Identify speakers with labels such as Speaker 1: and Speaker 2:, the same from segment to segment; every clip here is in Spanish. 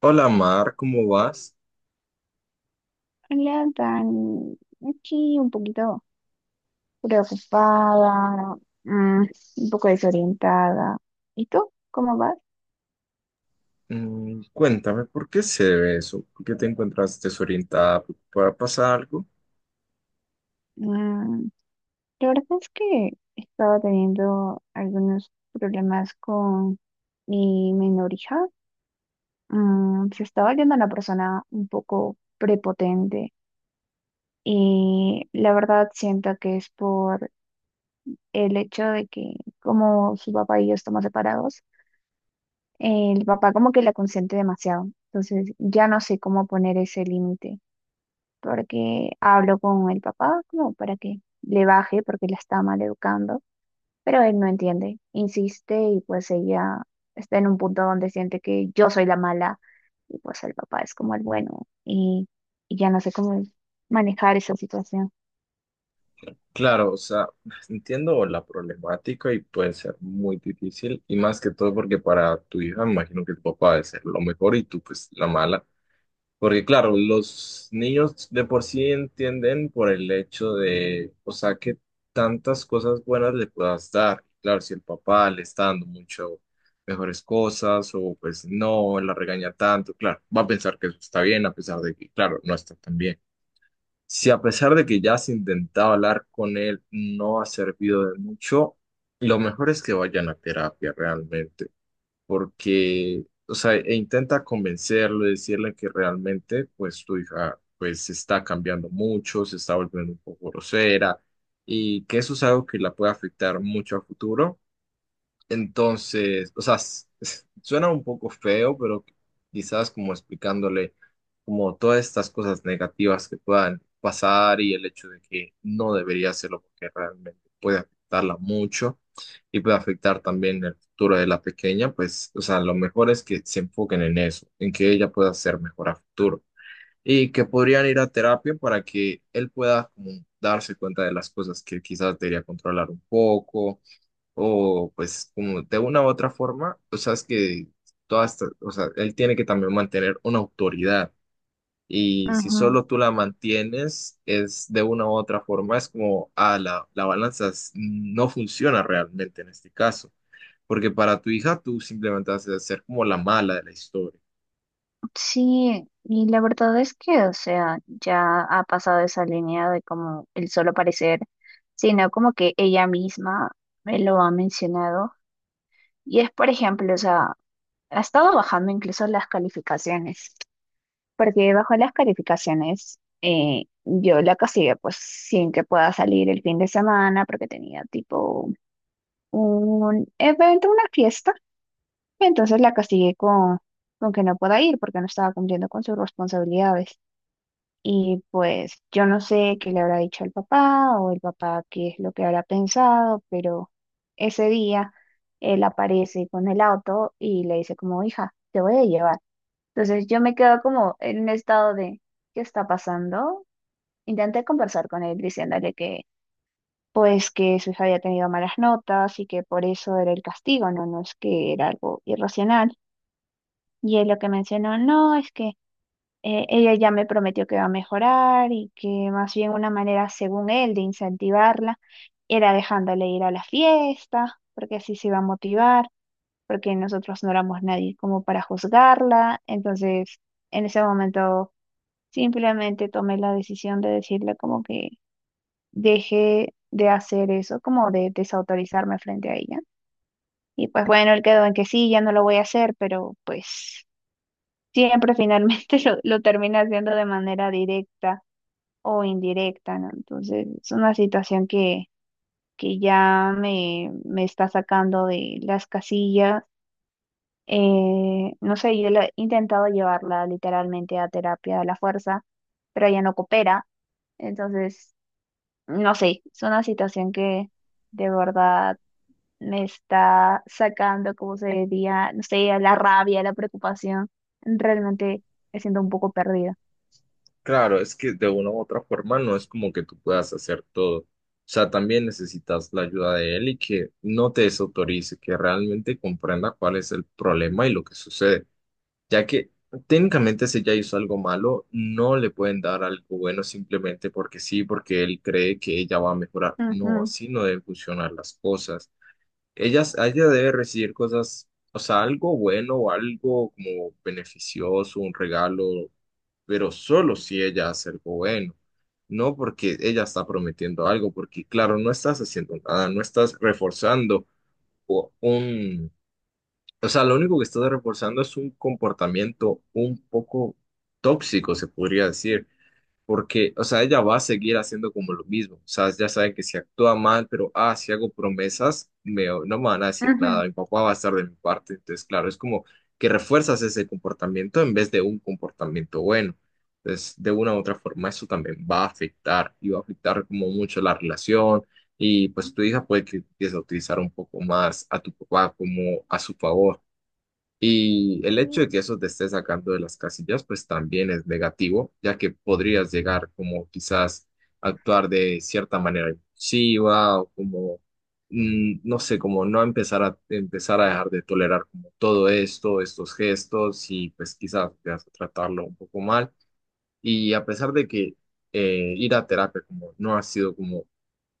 Speaker 1: Hola Mar, ¿cómo vas?
Speaker 2: Hola, Dani. Aquí un poquito preocupada, mm, un poco desorientada. ¿Y tú? ¿Cómo vas?
Speaker 1: Cuéntame, ¿por qué se ve eso? ¿Por qué te encuentras desorientada? ¿Para pasar algo?
Speaker 2: Mm, la verdad es que estaba teniendo algunos problemas con mi menor hija. Se está volviendo una persona un poco prepotente y la verdad siento que es por el hecho de que como su papá y yo estamos separados, el papá como que la consiente demasiado. Entonces ya no sé cómo poner ese límite, porque hablo con el papá como para que le baje, porque la está mal educando, pero él no entiende, insiste y pues ella está en un punto donde siente que yo soy la mala y pues el papá es como el bueno y ya no sé cómo manejar esa situación.
Speaker 1: Claro, o sea, entiendo la problemática y puede ser muy difícil y más que todo porque para tu hija me imagino que tu papá debe ser lo mejor y tú pues la mala. Porque claro, los niños de por sí entienden por el hecho de, o sea, que tantas cosas buenas le puedas dar. Claro, si el papá le está dando mucho mejores cosas o pues no, la regaña tanto, claro, va a pensar que eso está bien a pesar de que, claro, no está tan bien. Si a pesar de que ya has intentado hablar con él, no ha servido de mucho, lo mejor es que vayan a terapia realmente porque, o sea, e intenta convencerlo, decirle que realmente, pues tu hija, pues se está cambiando mucho, se está volviendo un poco grosera y que eso es algo que la puede afectar mucho a futuro entonces, o sea, suena un poco feo, pero quizás como explicándole como todas estas cosas negativas que puedan pasar y el hecho de que no debería hacerlo porque realmente puede afectarla mucho y puede afectar también el futuro de la pequeña, pues, o sea, lo mejor es que se enfoquen en eso, en que ella pueda ser mejor a futuro y que podrían ir a terapia para que él pueda como darse cuenta de las cosas que quizás debería controlar un poco o pues como de una u otra forma, o sea, es que todas, o sea, él tiene que también mantener una autoridad y si solo tú la mantienes, es de una u otra forma, es como, ah, la balanza no funciona realmente en este caso, porque para tu hija tú simplemente vas a ser como la mala de la historia.
Speaker 2: Sí, y la verdad es que, o sea, ya ha pasado esa línea de como el solo parecer, sino como que ella misma me lo ha mencionado. Y es, por ejemplo, o sea, ha estado bajando incluso las calificaciones, porque bajó las calificaciones, yo la castigué pues sin que pueda salir el fin de semana, porque tenía tipo un evento, una fiesta, entonces la castigué con que no pueda ir porque no estaba cumpliendo con sus responsabilidades. Y pues yo no sé qué le habrá dicho al papá o el papá qué es lo que habrá pensado, pero ese día él aparece con el auto y le dice como, hija, te voy a llevar. Entonces yo me quedo como en un estado de, ¿qué está pasando? Intenté conversar con él diciéndole que pues que su hija había tenido malas notas y que por eso era el castigo, no, no es que era algo irracional. Y él lo que mencionó, no, es que ella ya me prometió que va a mejorar y que más bien una manera, según él, de incentivarla era dejándole ir a la fiesta, porque así se iba a motivar, porque nosotros no éramos nadie como para juzgarla. Entonces, en ese momento, simplemente tomé la decisión de decirle como que dejé de hacer eso, como de desautorizarme frente a ella. Y pues bueno, él quedó en que sí, ya no lo voy a hacer, pero pues siempre finalmente lo termina haciendo de manera directa o indirecta, ¿no? Entonces, es una situación que ya me está sacando de las casillas. No sé, he intentado llevarla literalmente a terapia de la fuerza, pero ella no coopera. Entonces, no sé, es una situación que de verdad me está sacando, como se diría, no sé, la rabia, la preocupación. Realmente me siento un poco perdida.
Speaker 1: Claro, es que de una u otra forma no es como que tú puedas hacer todo. O sea, también necesitas la ayuda de él y que no te desautorice, que realmente comprenda cuál es el problema y lo que sucede. Ya que técnicamente si ella hizo algo malo, no le pueden dar algo bueno simplemente porque sí, porque él cree que ella va a mejorar. No,
Speaker 2: Ujú,
Speaker 1: así no deben funcionar las cosas. Ella debe recibir cosas, o sea, algo bueno o algo como beneficioso, un regalo pero solo si ella hace algo bueno, no porque ella está prometiendo algo, porque claro, no estás haciendo nada, no estás reforzando o- un, o sea, lo único que estás reforzando es un comportamiento un poco tóxico, se podría decir, porque, o sea, ella va a seguir haciendo como lo mismo, o sea, ya sabe que si actúa mal, pero, ah, si hago promesas, no me van a decir nada, mi papá va a estar de mi parte, entonces, claro, es como que refuerzas ese comportamiento en vez de un comportamiento bueno. Entonces, de una u otra forma, eso también va a afectar y va a afectar como mucho la relación y pues tu hija puede que empiece a utilizar un poco más a tu papá como a su favor. Y el hecho de
Speaker 2: ujú.
Speaker 1: que eso te esté sacando de las casillas, pues también es negativo, ya que podrías llegar como quizás a actuar de cierta manera impulsiva o como, no sé, como no empezar a dejar de tolerar como todo esto, estos gestos y pues quizás te vas a tratarlo un poco mal. Y a pesar de que ir a terapia como no ha sido como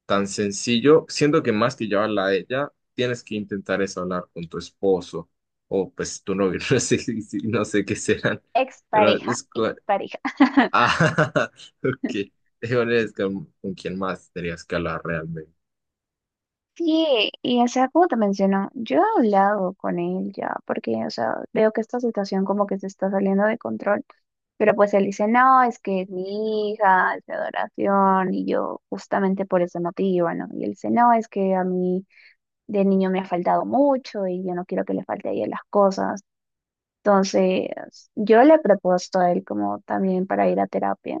Speaker 1: tan sencillo, siento que más que llevarla a ella, tienes que intentar es hablar con tu esposo o pues tu novio, no sé, no sé qué serán, pero
Speaker 2: Expareja,
Speaker 1: es con...
Speaker 2: expareja.
Speaker 1: Ah, ok, es con quién más tendrías que hablar realmente.
Speaker 2: Sí, y o sea, como te menciono, yo he hablado con él ya, porque, o sea, veo que esta situación como que se está saliendo de control, pero pues él dice, no, es que es mi hija, es mi adoración, y yo justamente por ese motivo, ¿no? Y él dice, no, es que a mí de niño me ha faltado mucho y yo no quiero que le falte a ella las cosas. Entonces, yo le he propuesto a él como también para ir a terapia.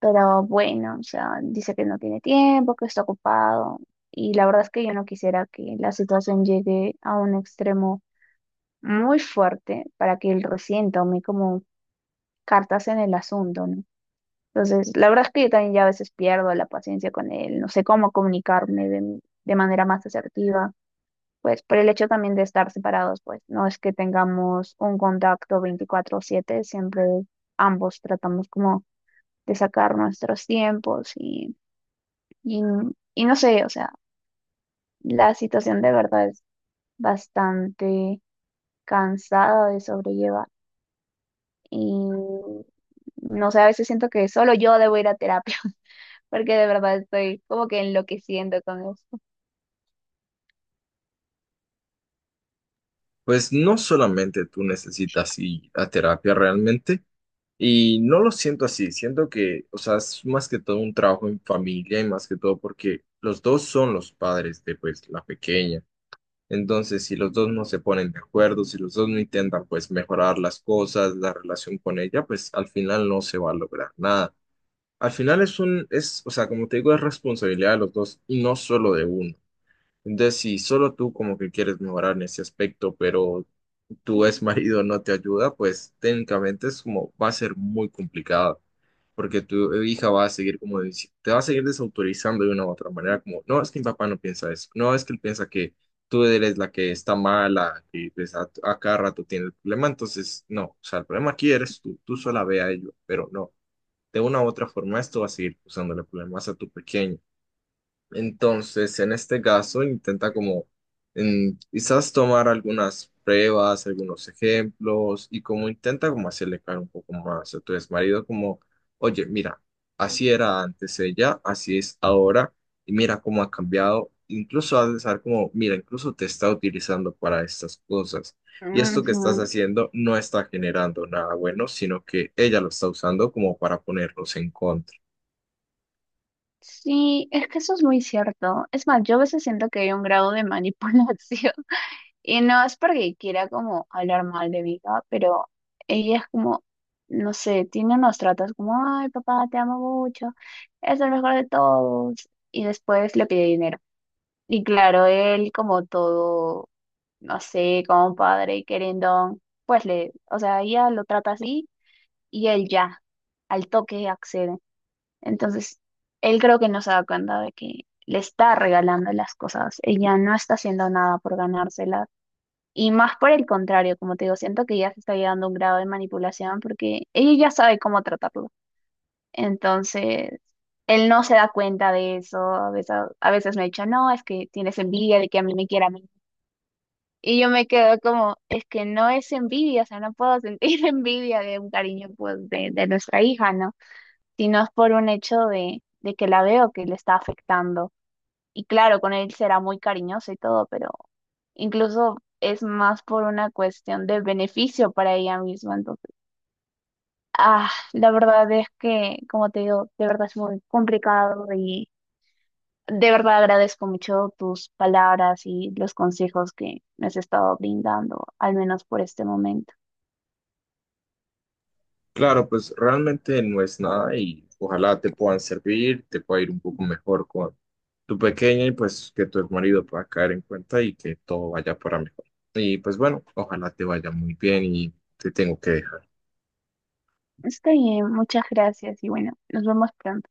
Speaker 2: Pero bueno, o sea, dice que no tiene tiempo, que está ocupado. Y la verdad es que yo no quisiera que la situación llegue a un extremo muy fuerte para que él recién tome como cartas en el asunto, ¿no? Entonces, la verdad es que yo también ya a veces pierdo la paciencia con él, no sé cómo comunicarme de manera más asertiva. Pues por el hecho también de estar separados, pues no es que tengamos un contacto 24/7, siempre ambos tratamos como de sacar nuestros tiempos Y, y no sé, o sea, la situación de verdad es bastante cansada de sobrellevar. Y no sé, a veces siento que solo yo debo ir a terapia, porque de verdad estoy como que enloqueciendo con esto.
Speaker 1: Pues no solamente tú necesitas ir a terapia realmente, y no lo siento así, siento que, o sea, es más que todo un trabajo en familia y más que todo porque los dos son los padres de pues la pequeña. Entonces, si los dos no se ponen de acuerdo, si los dos no intentan pues mejorar las cosas, la relación con ella, pues al final no se va a lograr nada. Al final es o sea, como te digo, es responsabilidad de los dos y no solo de uno. Entonces, si solo tú como que quieres mejorar en ese aspecto, pero tu ex marido no te ayuda, pues técnicamente es como va a ser muy complicado, porque tu hija va a seguir como te va a seguir desautorizando de una u otra manera, como, no, es que mi papá no piensa eso, no, es que él piensa que tú eres la que está mala, que pues, a cada rato tiene el problema, entonces, no, o sea, el problema aquí eres tú, tú sola ve a ello, pero no, de una u otra forma esto va a seguir usándole problemas a tu pequeño. Entonces, en este caso, intenta como quizás tomar algunas pruebas, algunos ejemplos y como intenta como hacerle claro un poco más a tu exmarido, como, oye, mira, así era antes ella, así es ahora y mira cómo ha cambiado. Incluso has de saber como, mira, incluso te está utilizando para estas cosas. Y esto que estás
Speaker 2: Ujú.
Speaker 1: haciendo no está generando nada bueno, sino que ella lo está usando como para ponerlos en contra.
Speaker 2: Sí, es que eso es muy cierto. Es más, yo a veces siento que hay un grado de manipulación. Y no es porque quiera como hablar mal de Vika, pero ella es como, no sé, tiene unos tratos como, ay, papá, te amo mucho, es el mejor de todos. Y después le pide dinero. Y claro, él como todo, no sé, como un padre y querendón, pues le, o sea, ella lo trata así y él ya, al toque accede. Entonces, él creo que no se da cuenta de que le está regalando las cosas. Ella no está haciendo nada por ganárselas y más por el contrario, como te digo, siento que ya se está llegando a un grado de manipulación porque ella ya sabe cómo tratarlo. Entonces, él no se da cuenta de eso. A veces me ha dicho, no, es que tienes envidia de que a mí me quiera a mí. Y yo me quedo como, es que no es envidia, o sea, no puedo sentir envidia de un cariño pues, de nuestra hija, ¿no? Sino es por un hecho de que la veo que le está afectando y claro, con él será muy cariñoso y todo, pero incluso es más por una cuestión de beneficio para ella misma. Entonces, ah, la verdad es que, como te digo, de verdad es muy complicado y de verdad agradezco mucho tus palabras y los consejos que me has estado brindando, al menos por este momento.
Speaker 1: Claro, pues realmente no es nada y ojalá te puedan servir, te pueda ir un poco mejor con tu pequeña y pues que tu marido pueda caer en cuenta y que todo vaya para mejor. Y pues bueno, ojalá te vaya muy bien y te tengo que dejar.
Speaker 2: Está bien, muchas gracias y bueno, nos vemos pronto.